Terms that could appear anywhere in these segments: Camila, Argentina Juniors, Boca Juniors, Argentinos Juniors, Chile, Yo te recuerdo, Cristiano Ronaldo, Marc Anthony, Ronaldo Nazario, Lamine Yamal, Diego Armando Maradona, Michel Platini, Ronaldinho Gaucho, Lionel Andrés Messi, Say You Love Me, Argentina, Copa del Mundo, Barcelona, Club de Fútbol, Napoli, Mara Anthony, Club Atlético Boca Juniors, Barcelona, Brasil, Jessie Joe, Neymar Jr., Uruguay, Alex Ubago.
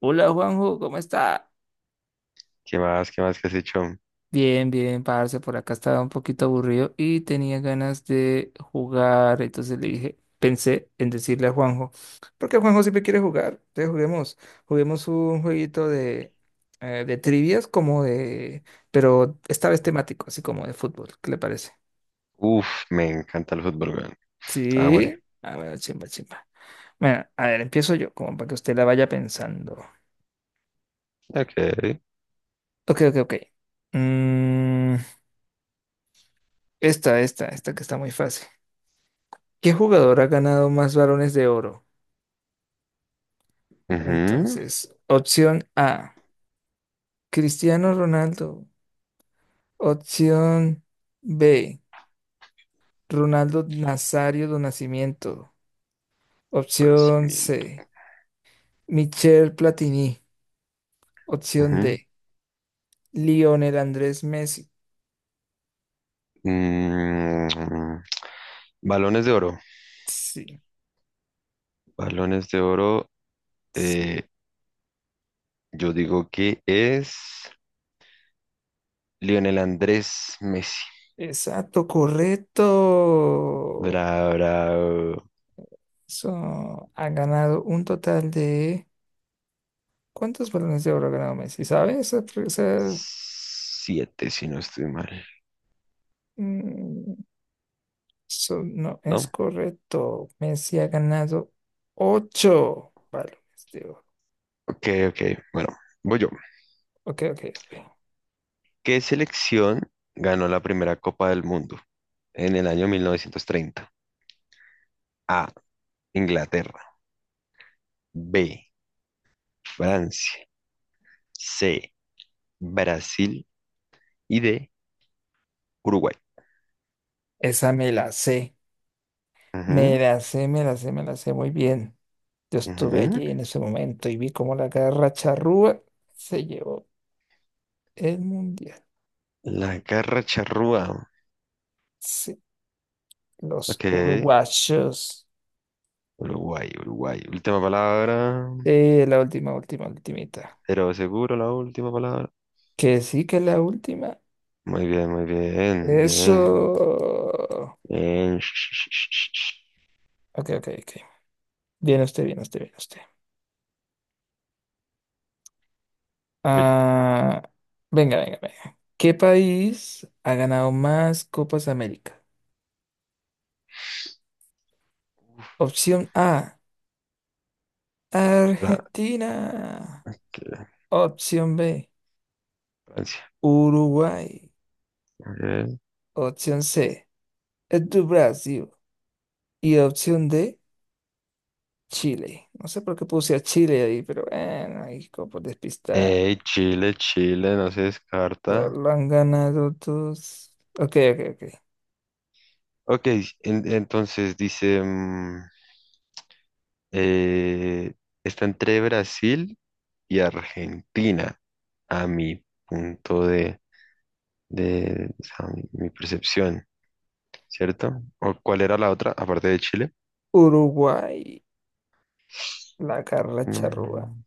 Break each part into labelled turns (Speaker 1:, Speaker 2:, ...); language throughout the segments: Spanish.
Speaker 1: Hola Juanjo, ¿cómo está?
Speaker 2: ¿Qué más? ¿Qué más que has hecho?
Speaker 1: Bien, bien, parce, por acá estaba un poquito aburrido y tenía ganas de jugar, entonces le dije, pensé en decirle a Juanjo, porque Juanjo siempre quiere jugar, entonces juguemos, juguemos un jueguito de trivias como de, pero esta vez temático, así como de fútbol, ¿qué le parece?
Speaker 2: Uf, me encanta el fútbol, weón. Ah, vale.
Speaker 1: Sí, a ver, chimba, chimba. Bueno, a ver, empiezo yo, como para que usted la vaya pensando.
Speaker 2: Ok.
Speaker 1: Ok, ok, ok. Mm, esta que está muy fácil. ¿Qué jugador ha ganado más balones de oro?
Speaker 2: Ujú.
Speaker 1: Entonces, opción A, Cristiano Ronaldo. Opción B, Ronaldo Nazario do Nascimento. Opción
Speaker 2: Conocimiento.
Speaker 1: C, Michel Platini. Opción
Speaker 2: Ujú.
Speaker 1: D, Lionel Andrés Messi.
Speaker 2: Mm, balones de oro.
Speaker 1: Sí,
Speaker 2: Balones de oro.
Speaker 1: sí,
Speaker 2: eh, yo digo que es Lionel Andrés Messi.
Speaker 1: exacto, correcto.
Speaker 2: Habrá
Speaker 1: So, ha ganado un total de... ¿Cuántos balones de oro ha ganado Messi? ¿Sabes?
Speaker 2: siete, si no estoy mal.
Speaker 1: Mm, Eso no es
Speaker 2: ¿No?
Speaker 1: correcto. Messi ha ganado 8 balones de oro.
Speaker 2: Ok, ok. Bueno, voy yo.
Speaker 1: Ok, ok, ok.
Speaker 2: ¿Qué selección ganó la primera Copa del Mundo en el año 1930? A. Inglaterra. B, Francia, C, Brasil y D, Uruguay.
Speaker 1: Esa me la sé. Me
Speaker 2: Ujú,
Speaker 1: la sé, me la sé, me la sé muy bien. Yo estuve
Speaker 2: ujú.
Speaker 1: allí en ese momento y vi cómo la garra charrúa se llevó el mundial.
Speaker 2: La garra charrúa.
Speaker 1: Sí, los
Speaker 2: Ok,
Speaker 1: uruguayos.
Speaker 2: Uruguay, Uruguay. Última palabra,
Speaker 1: La última, última, ultimita.
Speaker 2: pero seguro la última palabra.
Speaker 1: Que sí que la última.
Speaker 2: Muy bien,
Speaker 1: Eso.
Speaker 2: bien, bien. Sh- sh- sh- sh- sh.
Speaker 1: Ok, ok, ok. Bien usted, bien usted, bien usted.
Speaker 2: Voy yo.
Speaker 1: Ah, venga, venga, venga. ¿Qué país ha ganado más Copas América?
Speaker 2: Uf,
Speaker 1: Opción A,
Speaker 2: para-
Speaker 1: Argentina.
Speaker 2: que-
Speaker 1: Opción B,
Speaker 2: Francia.
Speaker 1: Uruguay.
Speaker 2: Ok.
Speaker 1: Opción C, es de Brasil. Y opción D, Chile. No sé por qué puse a Chile ahí, pero bueno, ahí como despistado.
Speaker 2: Chile, Chile, no se
Speaker 1: Lo
Speaker 2: descarta.
Speaker 1: lo han ganado todos. Ok, ok, ok.
Speaker 2: Ok, entonces dice, eh, está entre Brasil y Argentina, a mi punto de, o sea, mi percepción, ¿cierto? ¿O cuál era la otra, aparte de Chile?
Speaker 1: Uruguay, la Carla Charrúa.
Speaker 2: Mm,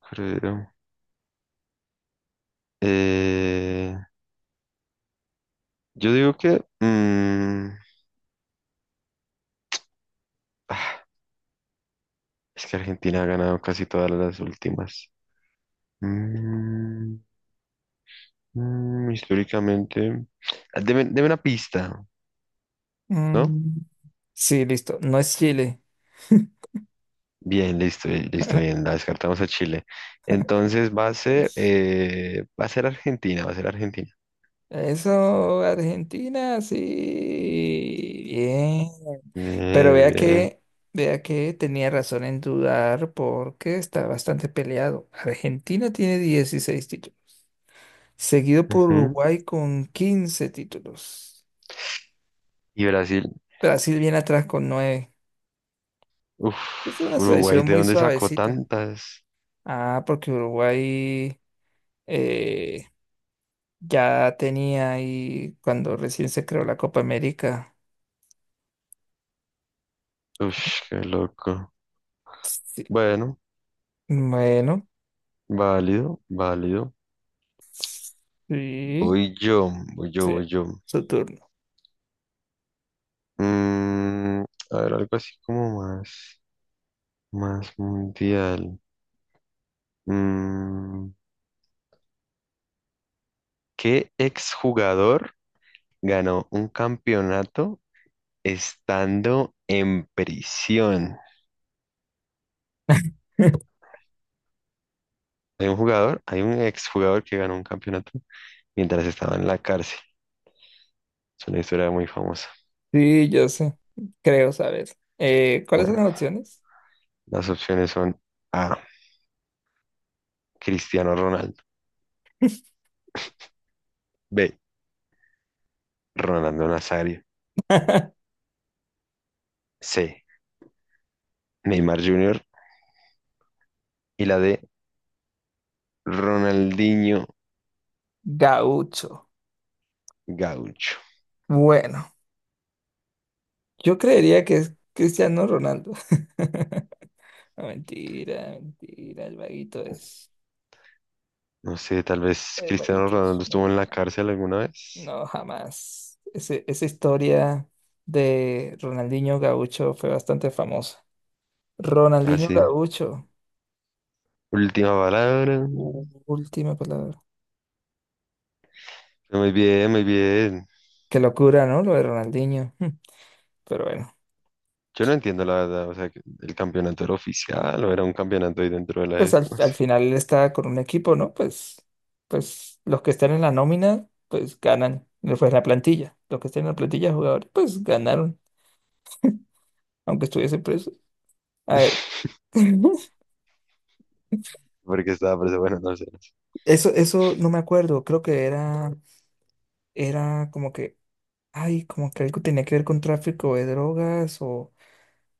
Speaker 2: creo. Eh, yo digo que ah, es que Argentina ha ganado casi todas las últimas. Mm, Históricamente, deme una pista, ¿no?
Speaker 1: Mm. Sí, listo. No es Chile.
Speaker 2: Bien, listo, listo, bien, la descartamos a Chile. Entonces va a ser Argentina, va a ser Argentina.
Speaker 1: Eso, Argentina, sí, bien. Pero
Speaker 2: Bien,
Speaker 1: vea que tenía razón en dudar porque está bastante peleado. Argentina tiene 16 títulos, seguido por
Speaker 2: ujú.
Speaker 1: Uruguay con 15 títulos.
Speaker 2: Y Brasil,
Speaker 1: Brasil viene atrás con 9. Es
Speaker 2: uf,
Speaker 1: una
Speaker 2: Uruguay,
Speaker 1: selección
Speaker 2: ¿de
Speaker 1: muy
Speaker 2: dónde sacó
Speaker 1: suavecita.
Speaker 2: tantas?
Speaker 1: Ah, porque Uruguay eh, ya tenía ahí cuando recién se creó la Copa América.
Speaker 2: Uf, qué loco.
Speaker 1: Sí.
Speaker 2: Bueno,
Speaker 1: Bueno,
Speaker 2: válido, válido.
Speaker 1: sí,
Speaker 2: Voy yo, voy yo, voy
Speaker 1: sí,
Speaker 2: yo.
Speaker 1: Saturno.
Speaker 2: Mm, a ver, algo así como más, más mundial. Mm, ¿Qué exjugador ganó un campeonato? Estando en prisión. Hay un exjugador que ganó un campeonato mientras estaba en la cárcel. Es una historia muy famosa.
Speaker 1: Sí, yo sé, creo saber. ¿Cuáles son
Speaker 2: Bueno,
Speaker 1: las opciones?
Speaker 2: las opciones son A, Cristiano Ronaldo, B, Ronaldo Nazario, C, Neymar Jr. y la D, Ronaldinho
Speaker 1: Gaucho.
Speaker 2: Gaucho.
Speaker 1: Bueno, yo creería que es Cristiano Ronaldo. No, mentira, mentira, el vaguito es.
Speaker 2: No sé, tal vez
Speaker 1: El
Speaker 2: Cristiano
Speaker 1: vaguito es
Speaker 2: Ronaldo
Speaker 1: muy
Speaker 2: estuvo en la
Speaker 1: bueno.
Speaker 2: cárcel alguna vez.
Speaker 1: No, jamás. Esa historia de Ronaldinho Gaucho fue bastante famosa. Ronaldinho
Speaker 2: Así.
Speaker 1: Gaucho,
Speaker 2: Última palabra.
Speaker 1: última palabra.
Speaker 2: Muy bien, muy bien.
Speaker 1: Qué locura, ¿no? Lo de Ronaldinho. Mm. Pero bueno,
Speaker 2: Yo no entiendo la verdad, o sea, que el campeonato era oficial o era un campeonato ahí dentro de la
Speaker 1: pues al,
Speaker 2: esta, no sé.
Speaker 1: al final él está con un equipo, ¿no? Pues, pues los que están en la nómina, pues ganan. No fue la plantilla. Los que están en la plantilla de jugadores, pues ganaron, aunque estuviese preso. A ver,
Speaker 2: Porque estaba preso, bueno, no sé. No sé.
Speaker 1: eso no me acuerdo. Creo que era, era como que, ay, como que algo tenía que ver con tráfico de drogas o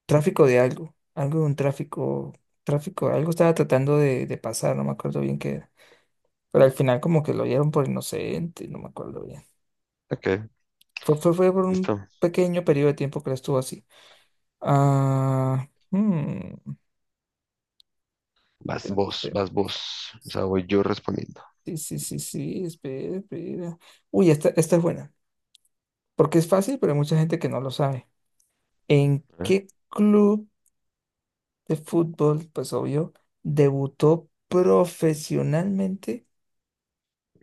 Speaker 1: tráfico de algo. Algo de un tráfico, tráfico, algo estaba tratando de pasar, no me acuerdo bien qué era. Pero al final como que lo dieron por inocente, no me acuerdo bien.
Speaker 2: Ok,
Speaker 1: Fue, fue, fue por un
Speaker 2: listo.
Speaker 1: pequeño periodo de tiempo que la estuvo así. Ah, hmm,
Speaker 2: Vas vos, vas
Speaker 1: pensemos.
Speaker 2: vos. O sea, voy yo respondiendo.
Speaker 1: Sí, sí, sí, sí, espera, espera. Uy, esta es buena, porque es fácil, pero hay mucha gente que no lo sabe. ¿En
Speaker 2: ¿Eh?
Speaker 1: qué club de fútbol, pues obvio, debutó profesionalmente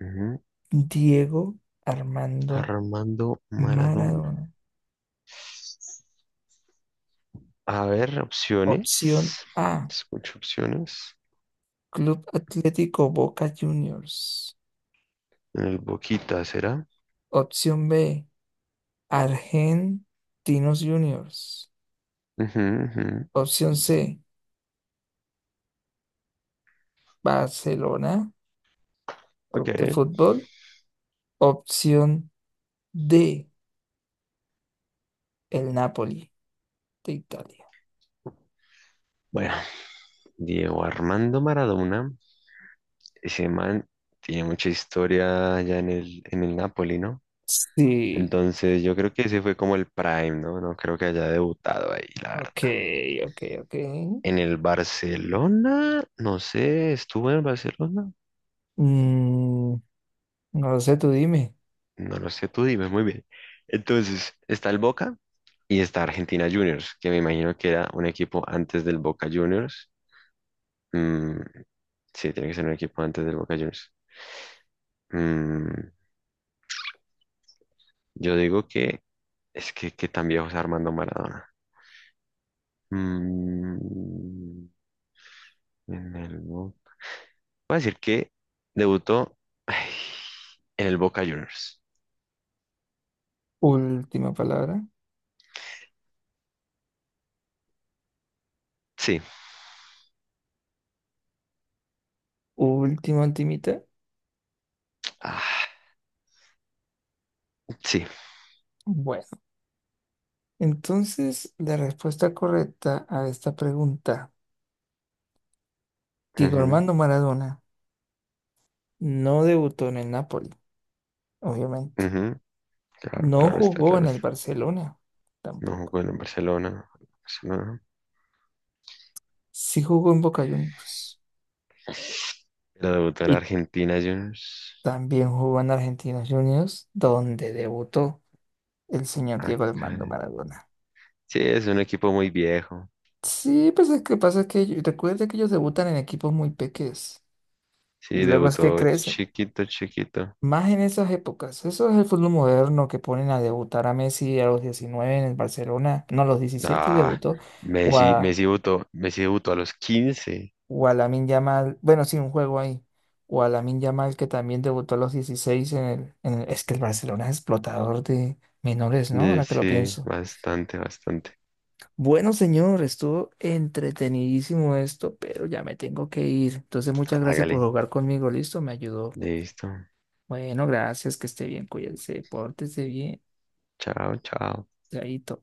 Speaker 2: Ujú.
Speaker 1: Diego Armando
Speaker 2: Armando Maradona.
Speaker 1: Maradona?
Speaker 2: A ver,
Speaker 1: Opción
Speaker 2: opciones.
Speaker 1: A.
Speaker 2: Escucho opciones.
Speaker 1: Club Atlético Boca Juniors.
Speaker 2: En el Boquita, ¿será?
Speaker 1: Opción B, Argentinos Juniors.
Speaker 2: Ujú, ujú.
Speaker 1: Opción C, Barcelona, Club de
Speaker 2: Ok.
Speaker 1: Fútbol. Opción D, el Napoli de Italia.
Speaker 2: Bueno, Diego Armando Maradona, ese man tiene mucha historia allá en el Napoli, ¿no?
Speaker 1: Sí,
Speaker 2: Entonces yo creo que ese fue como el prime, ¿no? No creo que haya debutado ahí, la
Speaker 1: ok,
Speaker 2: verdad.
Speaker 1: ok, ok.
Speaker 2: En el Barcelona, no sé, ¿estuvo en el Barcelona?
Speaker 1: Mm, no lo sé, tú dime.
Speaker 2: No lo sé, tú dime, muy bien. Entonces, está el Boca y está Argentina Juniors, que me imagino que era un equipo antes del Boca Juniors. Mm, sí, tiene que ser un equipo antes del Boca Juniors. Mm, yo digo que es que tan viejo es Armando Maradona. Mm, en el Boca. Voy a decir que debutó ay, en el Boca Juniors.
Speaker 1: Última palabra.
Speaker 2: Sí,
Speaker 1: Última, ultimita.
Speaker 2: ah, sí.
Speaker 1: Bueno, entonces la respuesta correcta a esta pregunta, Diego
Speaker 2: Ujú,
Speaker 1: Armando Maradona no debutó en el Napoli, obviamente.
Speaker 2: ujú, claro,
Speaker 1: No
Speaker 2: claro está,
Speaker 1: jugó
Speaker 2: claro
Speaker 1: en el
Speaker 2: está.
Speaker 1: Barcelona,
Speaker 2: No
Speaker 1: tampoco.
Speaker 2: jugó en el Barcelona, Barcelona,
Speaker 1: Sí jugó en Boca Juniors.
Speaker 2: pero debutó en
Speaker 1: Y
Speaker 2: Argentina Juniors.
Speaker 1: también jugó en Argentinos Juniors, donde debutó el señor
Speaker 2: Ah,
Speaker 1: Diego Armando
Speaker 2: caray.
Speaker 1: Maradona.
Speaker 2: Sí, es un equipo muy viejo.
Speaker 1: Sí, pues es que pasa que recuerda que ellos debutan en equipos muy pequeños y
Speaker 2: Sí,
Speaker 1: luego es que
Speaker 2: debutó
Speaker 1: crecen.
Speaker 2: chiquito, chiquito.
Speaker 1: Más en esas épocas. Eso es el fútbol moderno que ponen a debutar a Messi a los 19 en el Barcelona. No, a los 17
Speaker 2: Ah,
Speaker 1: debutó. o a
Speaker 2: Messi debutó a los 15.
Speaker 1: o a Lamine Yamal, bueno, sí, un juego ahí, o a Lamine Yamal que también debutó a los 16 en el, es que el Barcelona es explotador de menores, ¿no?
Speaker 2: Sí,
Speaker 1: Ahora que lo
Speaker 2: sí,
Speaker 1: pienso.
Speaker 2: bastante, bastante.
Speaker 1: Bueno, señor, estuvo entretenidísimo esto, pero ya me tengo que ir. Entonces, muchas gracias por
Speaker 2: Hágale,
Speaker 1: jugar conmigo, listo, me ayudó.
Speaker 2: listo.
Speaker 1: Bueno, gracias, que esté bien, cuídense, pórtese bien,
Speaker 2: Chao, chao.
Speaker 1: chaito.